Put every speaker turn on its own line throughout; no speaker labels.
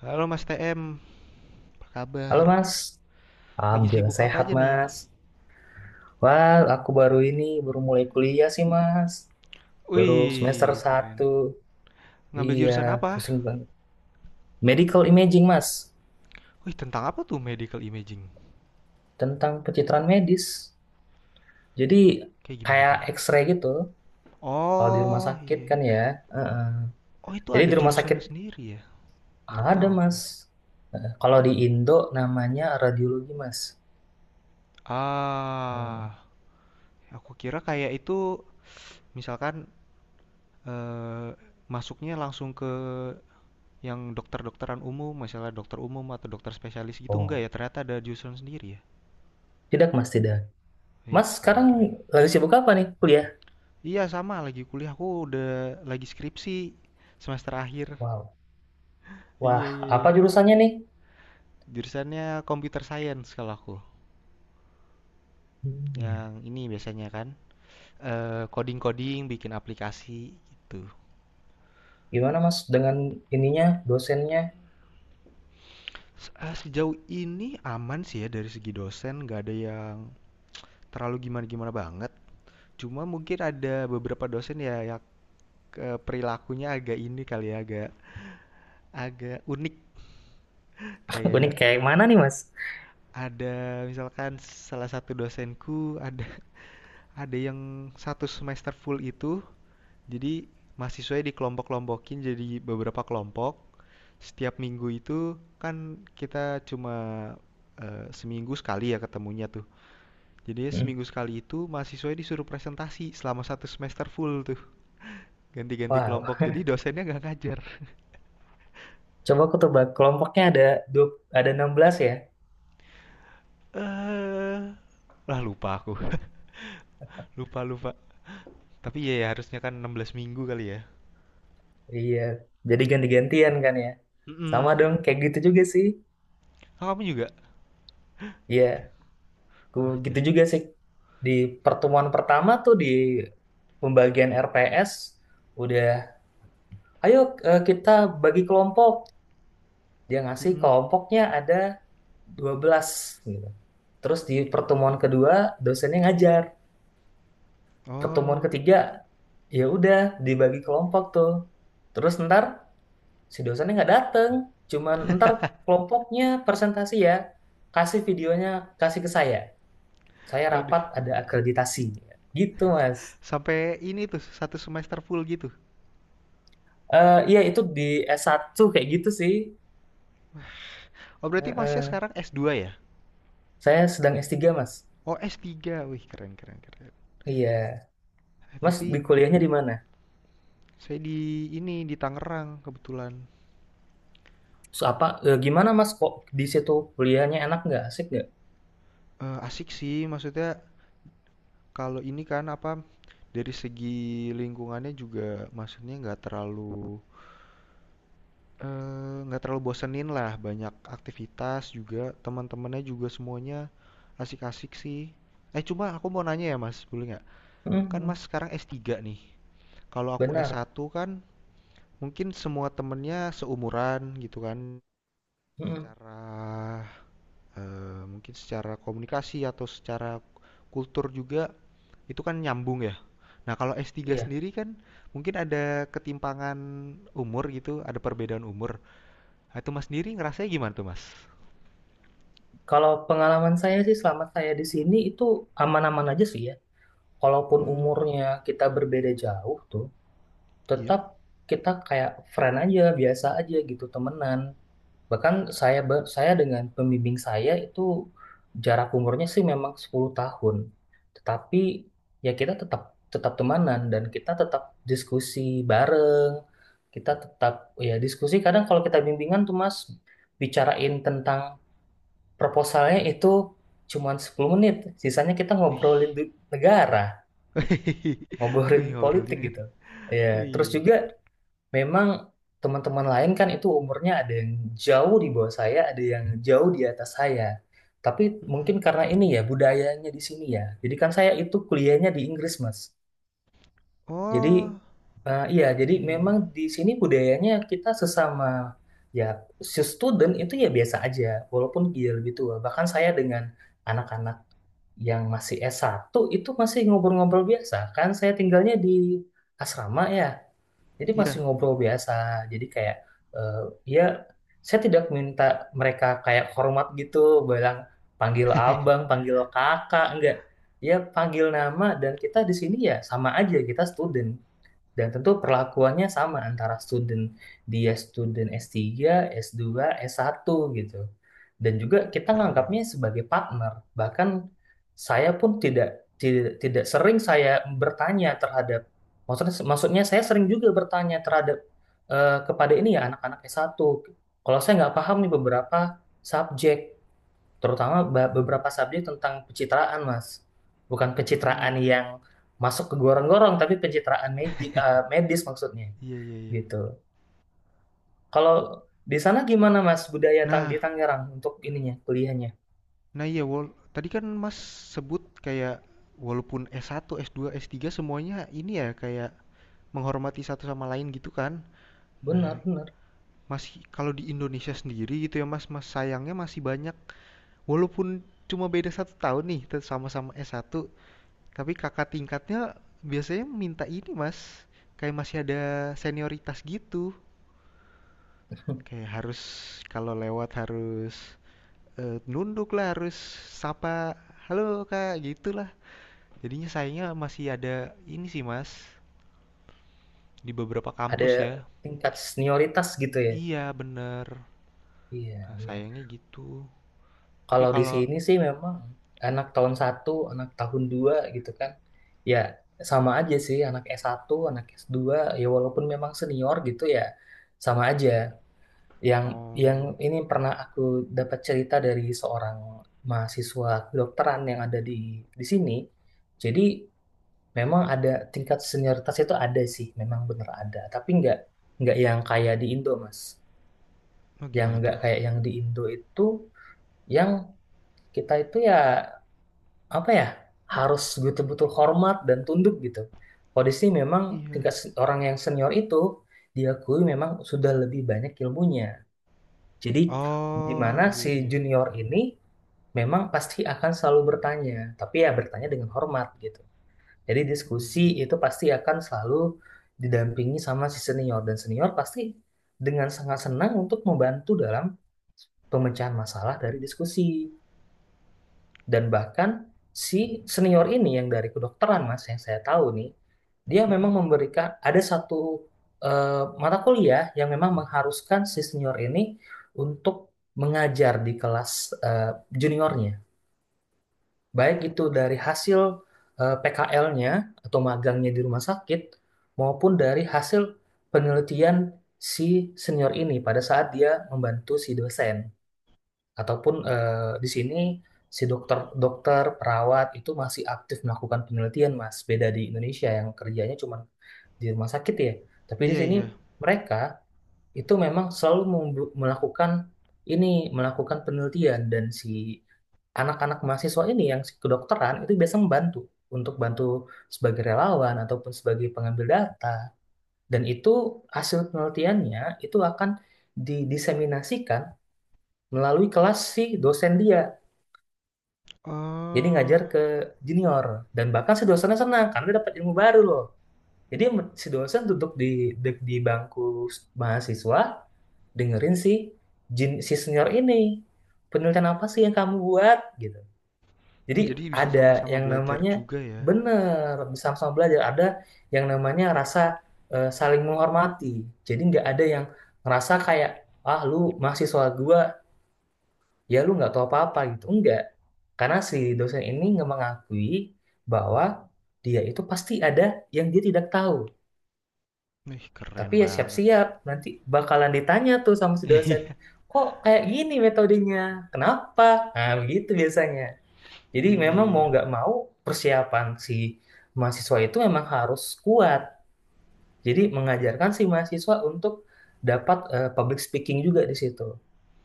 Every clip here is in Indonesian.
Halo Mas TM, apa
Halo
kabar?
Mas,
Lagi
Alhamdulillah
sibuk apa
sehat
aja nih?
Mas. Wah, aku baru ini, baru mulai kuliah sih Mas. Baru semester
Wih, keren.
satu.
Ngambil
Iya,
jurusan apa?
pusing banget. Medical imaging Mas,
Wih, tentang apa tuh medical imaging?
tentang pencitraan medis. Jadi
Kayak gimana
kayak
tuh?
X-ray gitu, kalau di rumah
Oh,
sakit
iya. iya.
kan ya. Heeh.
Oh, itu
Jadi
ada
di rumah sakit
jurusannya sendiri ya? Baru
ada
tahu aku.
Mas. Heeh. Kalau
Hmm.
di Indo namanya radiologi Mas. Heeh.
Ah, aku kira kayak itu misalkan eh, masuknya langsung ke yang dokter-dokteran umum, misalnya dokter umum atau dokter spesialis gitu enggak
Oh,
ya? Ternyata ada jurusan sendiri ya?
tidak Mas, tidak.
Wih,
Mas sekarang
keren-keren.
lagi sibuk apa nih kuliah?
Iya sama lagi kuliah aku udah lagi skripsi semester akhir.
Wow. Wah,
Iya iya iya.
apa jurusannya nih?
Jurusannya computer science kalau aku.
Hmm.
Yang ini biasanya kan coding-coding, bikin aplikasi gitu.
Gimana Mas dengan ininya, dosennya?
Sejauh ini aman sih ya dari segi dosen, nggak ada yang terlalu gimana-gimana banget. Cuma mungkin ada beberapa dosen ya yang perilakunya agak ini kali ya, agak agak unik.
Gue nih
Kayak
kayak mana nih Mas?
ada misalkan salah satu dosenku ada yang satu semester full itu jadi mahasiswanya dikelompok-kelompokin jadi beberapa kelompok setiap minggu itu kan kita cuma seminggu sekali ya ketemunya tuh jadi
Hmm.
seminggu sekali itu mahasiswanya disuruh presentasi selama satu semester full tuh ganti-ganti
Wow,
kelompok jadi dosennya nggak ngajar.
coba aku tebak kelompoknya ada dua, ada 16 ya?
eh Lah lupa aku. lupa lupa Tapi ya, ya harusnya kan 16 minggu kali ya.
Iya, jadi ganti-gantian kan ya? Sama
Mm,
dong, kayak gitu juga sih.
kamu juga
Iya, aku
wah
gitu
jangan.
juga sih. Di pertemuan pertama tuh di pembagian RPS udah, ayo kita bagi kelompok. Dia ngasih
Mm-mm.
kelompoknya ada 12 gitu. Terus di pertemuan kedua dosennya ngajar. Pertemuan
Oh.
ketiga ya udah dibagi kelompok tuh terus ntar si dosennya nggak dateng cuman ntar kelompoknya presentasi ya kasih videonya kasih ke saya
Waduh.
rapat ada akreditasi gitu Mas.
Sampai ini tuh, satu semester full gitu.
Eh iya itu di s satu kayak gitu sih.
Oh,
Eh,
berarti Masnya
eh.
sekarang s dua ya?
Saya sedang s tiga Mas.
Oh, s tiga, Wih, keren keren keren.
Iya,
Eh,
Mas di
tapi
kuliahnya di mana?
saya di ini di Tangerang kebetulan.
Terus apa gimana Mas kok di situ kuliahnya enak nggak asik nggak?
Eh, asik sih, maksudnya kalau ini kan apa dari segi lingkungannya juga maksudnya nggak terlalu nggak terlalu bosenin lah, banyak aktivitas juga, teman-temannya juga semuanya asik-asik sih. Eh, cuma aku mau nanya ya, Mas, boleh nggak? Kan
Mhm.
Mas sekarang s tiga nih. Kalau aku s
Benar.
satu kan mungkin semua temennya seumuran gitu kan,
Mhm.
secara mungkin secara komunikasi atau secara kultur juga itu kan nyambung ya. Nah, kalau S3
Iya.
sendiri kan mungkin ada ketimpangan umur gitu, ada perbedaan umur. Nah, itu Mas sendiri ngerasanya gimana tuh, Mas?
Kalau pengalaman saya sih selama saya di sini itu aman-aman aja sih ya. Walaupun
Hmm,
umurnya kita berbeda jauh tuh,
iya.
tetap kita kayak friend aja, biasa aja gitu, temenan. Bahkan saya dengan pembimbing saya itu jarak umurnya sih memang 10 tahun. Tetapi ya kita tetap tetap temanan dan kita tetap diskusi bareng. Kita tetap ya diskusi kadang kalau kita bimbingan tuh Mas bicarain tentang proposalnya itu cuman 10 menit. Sisanya kita
Wih.
ngobrolin negara, ngobrolin
Wih,
politik
ngobrolinnya
gitu.
nih.
Ya, terus
Wih.
juga memang teman-teman lain kan itu umurnya ada yang jauh di bawah saya, ada yang jauh di atas saya. Tapi
Mm.
mungkin karena ini ya budayanya di sini ya. Jadi kan saya itu kuliahnya di Inggris, Mas. Jadi
Oh,
iya, jadi
iya iya
memang
iya.
di sini budayanya kita sesama ya student itu ya biasa aja, walaupun dia lebih tua. Bahkan saya dengan anak-anak yang masih S1 itu masih ngobrol-ngobrol biasa kan saya tinggalnya di asrama ya jadi masih
Iya.
ngobrol biasa jadi kayak eh, ya saya tidak minta mereka kayak hormat gitu bilang panggil abang panggil kakak enggak ya panggil nama dan kita di sini ya sama aja kita student dan tentu perlakuannya sama antara student dia student S3, S2, S1 gitu. Dan juga kita nganggapnya
Keren.
sebagai partner. Bahkan saya pun tidak tidak sering saya bertanya terhadap maksudnya maksudnya saya sering juga bertanya terhadap kepada ini ya anak-anak S1. Kalau saya nggak paham nih beberapa subjek, terutama beberapa subjek tentang pencitraan, Mas. Bukan pencitraan
Hmm,
yang masuk ke gorong-gorong, tapi pencitraan magic, eh, medis maksudnya,
iya iya iya.
gitu. Kalau di sana gimana, Mas, budaya di
Nah,
Tangerang untuk ininya, kuliahnya?
Nah iya, wal tadi kan Mas sebut kayak walaupun S1, S2, S3 semuanya ini ya kayak menghormati satu sama lain gitu kan. Nah,
Benar, benar.
masih kalau di Indonesia sendiri gitu ya Mas, Mas sayangnya masih banyak walaupun cuma beda satu tahun nih tet- sama-sama S1, tapi kakak tingkatnya biasanya minta ini Mas, kayak masih ada senioritas gitu. Kayak harus kalau lewat harus nunduk lah, harus sapa, halo Kak, gitu lah. Jadinya sayangnya masih ada ini sih Mas, di beberapa
Ada
kampus ya.
tingkat senioritas gitu ya.
Iya bener.
Iya,
Nah
iya.
sayangnya gitu. Tapi
Kalau di
kalau
sini sih memang anak tahun satu, anak tahun dua gitu kan. Ya, sama aja sih anak s satu anak s dua ya walaupun memang senior gitu ya sama aja. Yang yang
oh,
ini pernah aku dapat cerita dari seorang mahasiswa kedokteran yang ada di sini. Jadi memang ada tingkat senioritas itu ada sih, memang bener ada. Tapi nggak yang kayak di Indo, Mas.
oh
Yang
gimana
nggak
tuh?
kayak yang di Indo itu, yang kita itu ya apa ya harus betul-betul hormat dan tunduk gitu. Kalau di sini memang
Iya.
tingkat orang yang senior itu diakui memang sudah lebih banyak ilmunya. Jadi di
Oh
mana
iya
si
iya.
junior ini memang pasti akan selalu bertanya, tapi ya bertanya dengan hormat gitu. Jadi diskusi
Mhm.
itu pasti akan selalu didampingi sama si senior dan senior pasti dengan sangat senang untuk membantu dalam pemecahan masalah dari diskusi. Dan bahkan si senior ini yang dari kedokteran Mas yang saya tahu nih, dia
Mhm.
memang memberikan ada satu mata kuliah yang memang mengharuskan si senior ini untuk mengajar di kelas eh, juniornya. Baik itu dari hasil PKL-nya atau magangnya di rumah sakit maupun dari hasil penelitian si senior ini pada saat dia membantu si dosen ataupun di sini si dokter dokter perawat itu masih aktif melakukan penelitian Mas beda di Indonesia yang kerjanya cuma di rumah sakit ya tapi di
Iya
sini
iya.
mereka itu memang selalu melakukan ini melakukan penelitian dan si anak-anak mahasiswa ini yang si kedokteran itu biasa membantu untuk bantu sebagai relawan ataupun sebagai pengambil data dan itu hasil penelitiannya itu akan didiseminasikan melalui kelas si dosen dia. Jadi ngajar
Oh,
ke junior dan bahkan si dosennya senang karena dia dapat ilmu baru loh. Jadi si dosen duduk di di bangku mahasiswa dengerin si senior ini penelitian apa sih yang kamu buat gitu. Jadi
jadi bisa
ada
sama-sama
yang
belajar
namanya
juga ya.
bener sama-sama belajar, ada yang namanya rasa saling menghormati. Jadi nggak ada yang ngerasa kayak ah lu mahasiswa gua ya lu nggak tahu apa-apa gitu. Enggak. Karena si dosen ini nggak mengakui bahwa dia itu pasti ada yang dia tidak tahu.
Ih
Tapi
keren
ya
banget.
siap-siap, nanti bakalan ditanya tuh sama si dosen, kok kayak gini metodenya? Kenapa? Nah, begitu biasanya. Jadi
Iya iya
memang
iya
mau
iya.
nggak mau persiapan si mahasiswa itu memang harus kuat. Jadi mengajarkan si mahasiswa untuk dapat public speaking juga di situ,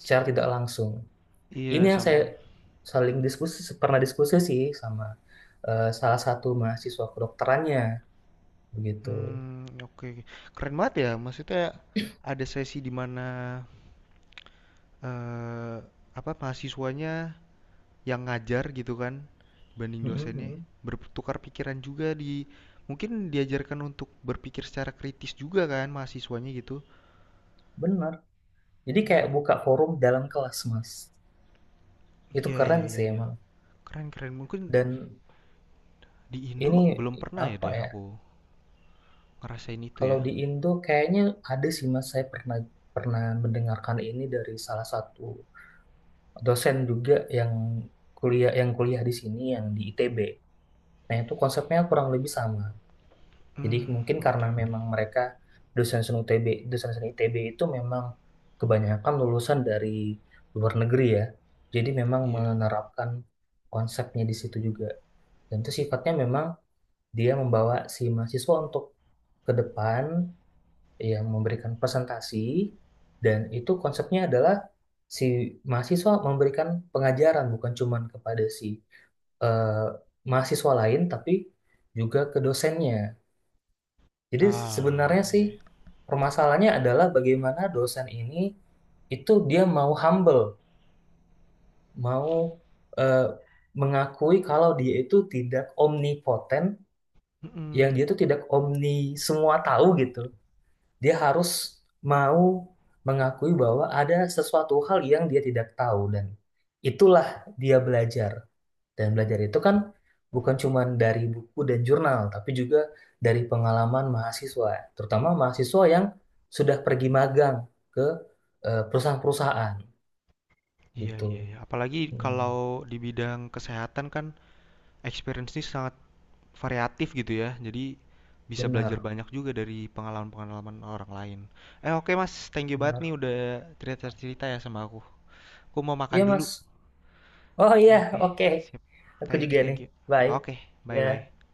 secara tidak langsung. Ini
Iya,
yang saya
sama.
saling diskusi pernah diskusi sih sama salah satu mahasiswa kedokterannya begitu.
Hmm oke oke. Keren banget ya. Maksudnya ada sesi di mana eee, apa mahasiswanya yang ngajar gitu kan banding
Mm, mm,
dosennya
mm.
bertukar pikiran juga di mungkin diajarkan untuk berpikir secara kritis juga kan mahasiswanya gitu.
Benar. Jadi
Hmm,
kayak buka forum dalam kelas, Mas. Itu
iya
keren
iya iya
sih
iya.
emang.
Keren keren. Mungkin
Dan
di
ini
Indo belum pernah ya
apa
deh
ya?
aku ngerasain itu
Kalau
ya.
di Indo kayaknya ada sih Mas, saya pernah pernah mendengarkan ini dari salah satu dosen juga yang kuliah di sini yang di ITB. Nah, itu konsepnya kurang lebih sama. Jadi
Hmm,
mungkin
oke
karena
oke.
memang mereka dosen-dosen UTB, dosen-dosen ITB itu memang kebanyakan lulusan dari luar negeri ya. Jadi memang
Iya.
menerapkan konsepnya di situ juga. Dan itu sifatnya memang dia membawa si mahasiswa untuk ke depan yang memberikan presentasi dan itu konsepnya adalah si mahasiswa memberikan pengajaran bukan cuman kepada si eh, mahasiswa lain tapi juga ke dosennya. Jadi
Ah,
sebenarnya sih
iya. iya.
permasalahannya adalah bagaimana dosen ini itu dia mau humble, mau eh, mengakui kalau dia itu tidak omnipotent, yang
Mm-mm.
dia itu tidak omni semua tahu gitu. Dia harus mau mengakui bahwa ada sesuatu hal yang dia tidak tahu dan itulah dia belajar. Dan belajar itu kan bukan cuma dari buku dan jurnal, tapi juga dari pengalaman mahasiswa, terutama mahasiswa yang sudah pergi magang ke perusahaan-perusahaan
Iya
gitu.
iya iya. Apalagi
Hmm,
kalau di bidang kesehatan kan experience ini sangat variatif gitu ya. Jadi bisa belajar
benar,
banyak juga dari pengalaman-pengalaman orang lain. Eh oke Mas, thank you banget nih
benar.
udah cerita-cerita ya sama aku. Aku mau makan
Iya,
dulu.
Mas. Oh iya,
Oke,
oke.
siap.
Aku
Thank you,
juga nih.
thank you.
Bye.
Oke,
Ya.
bye-bye.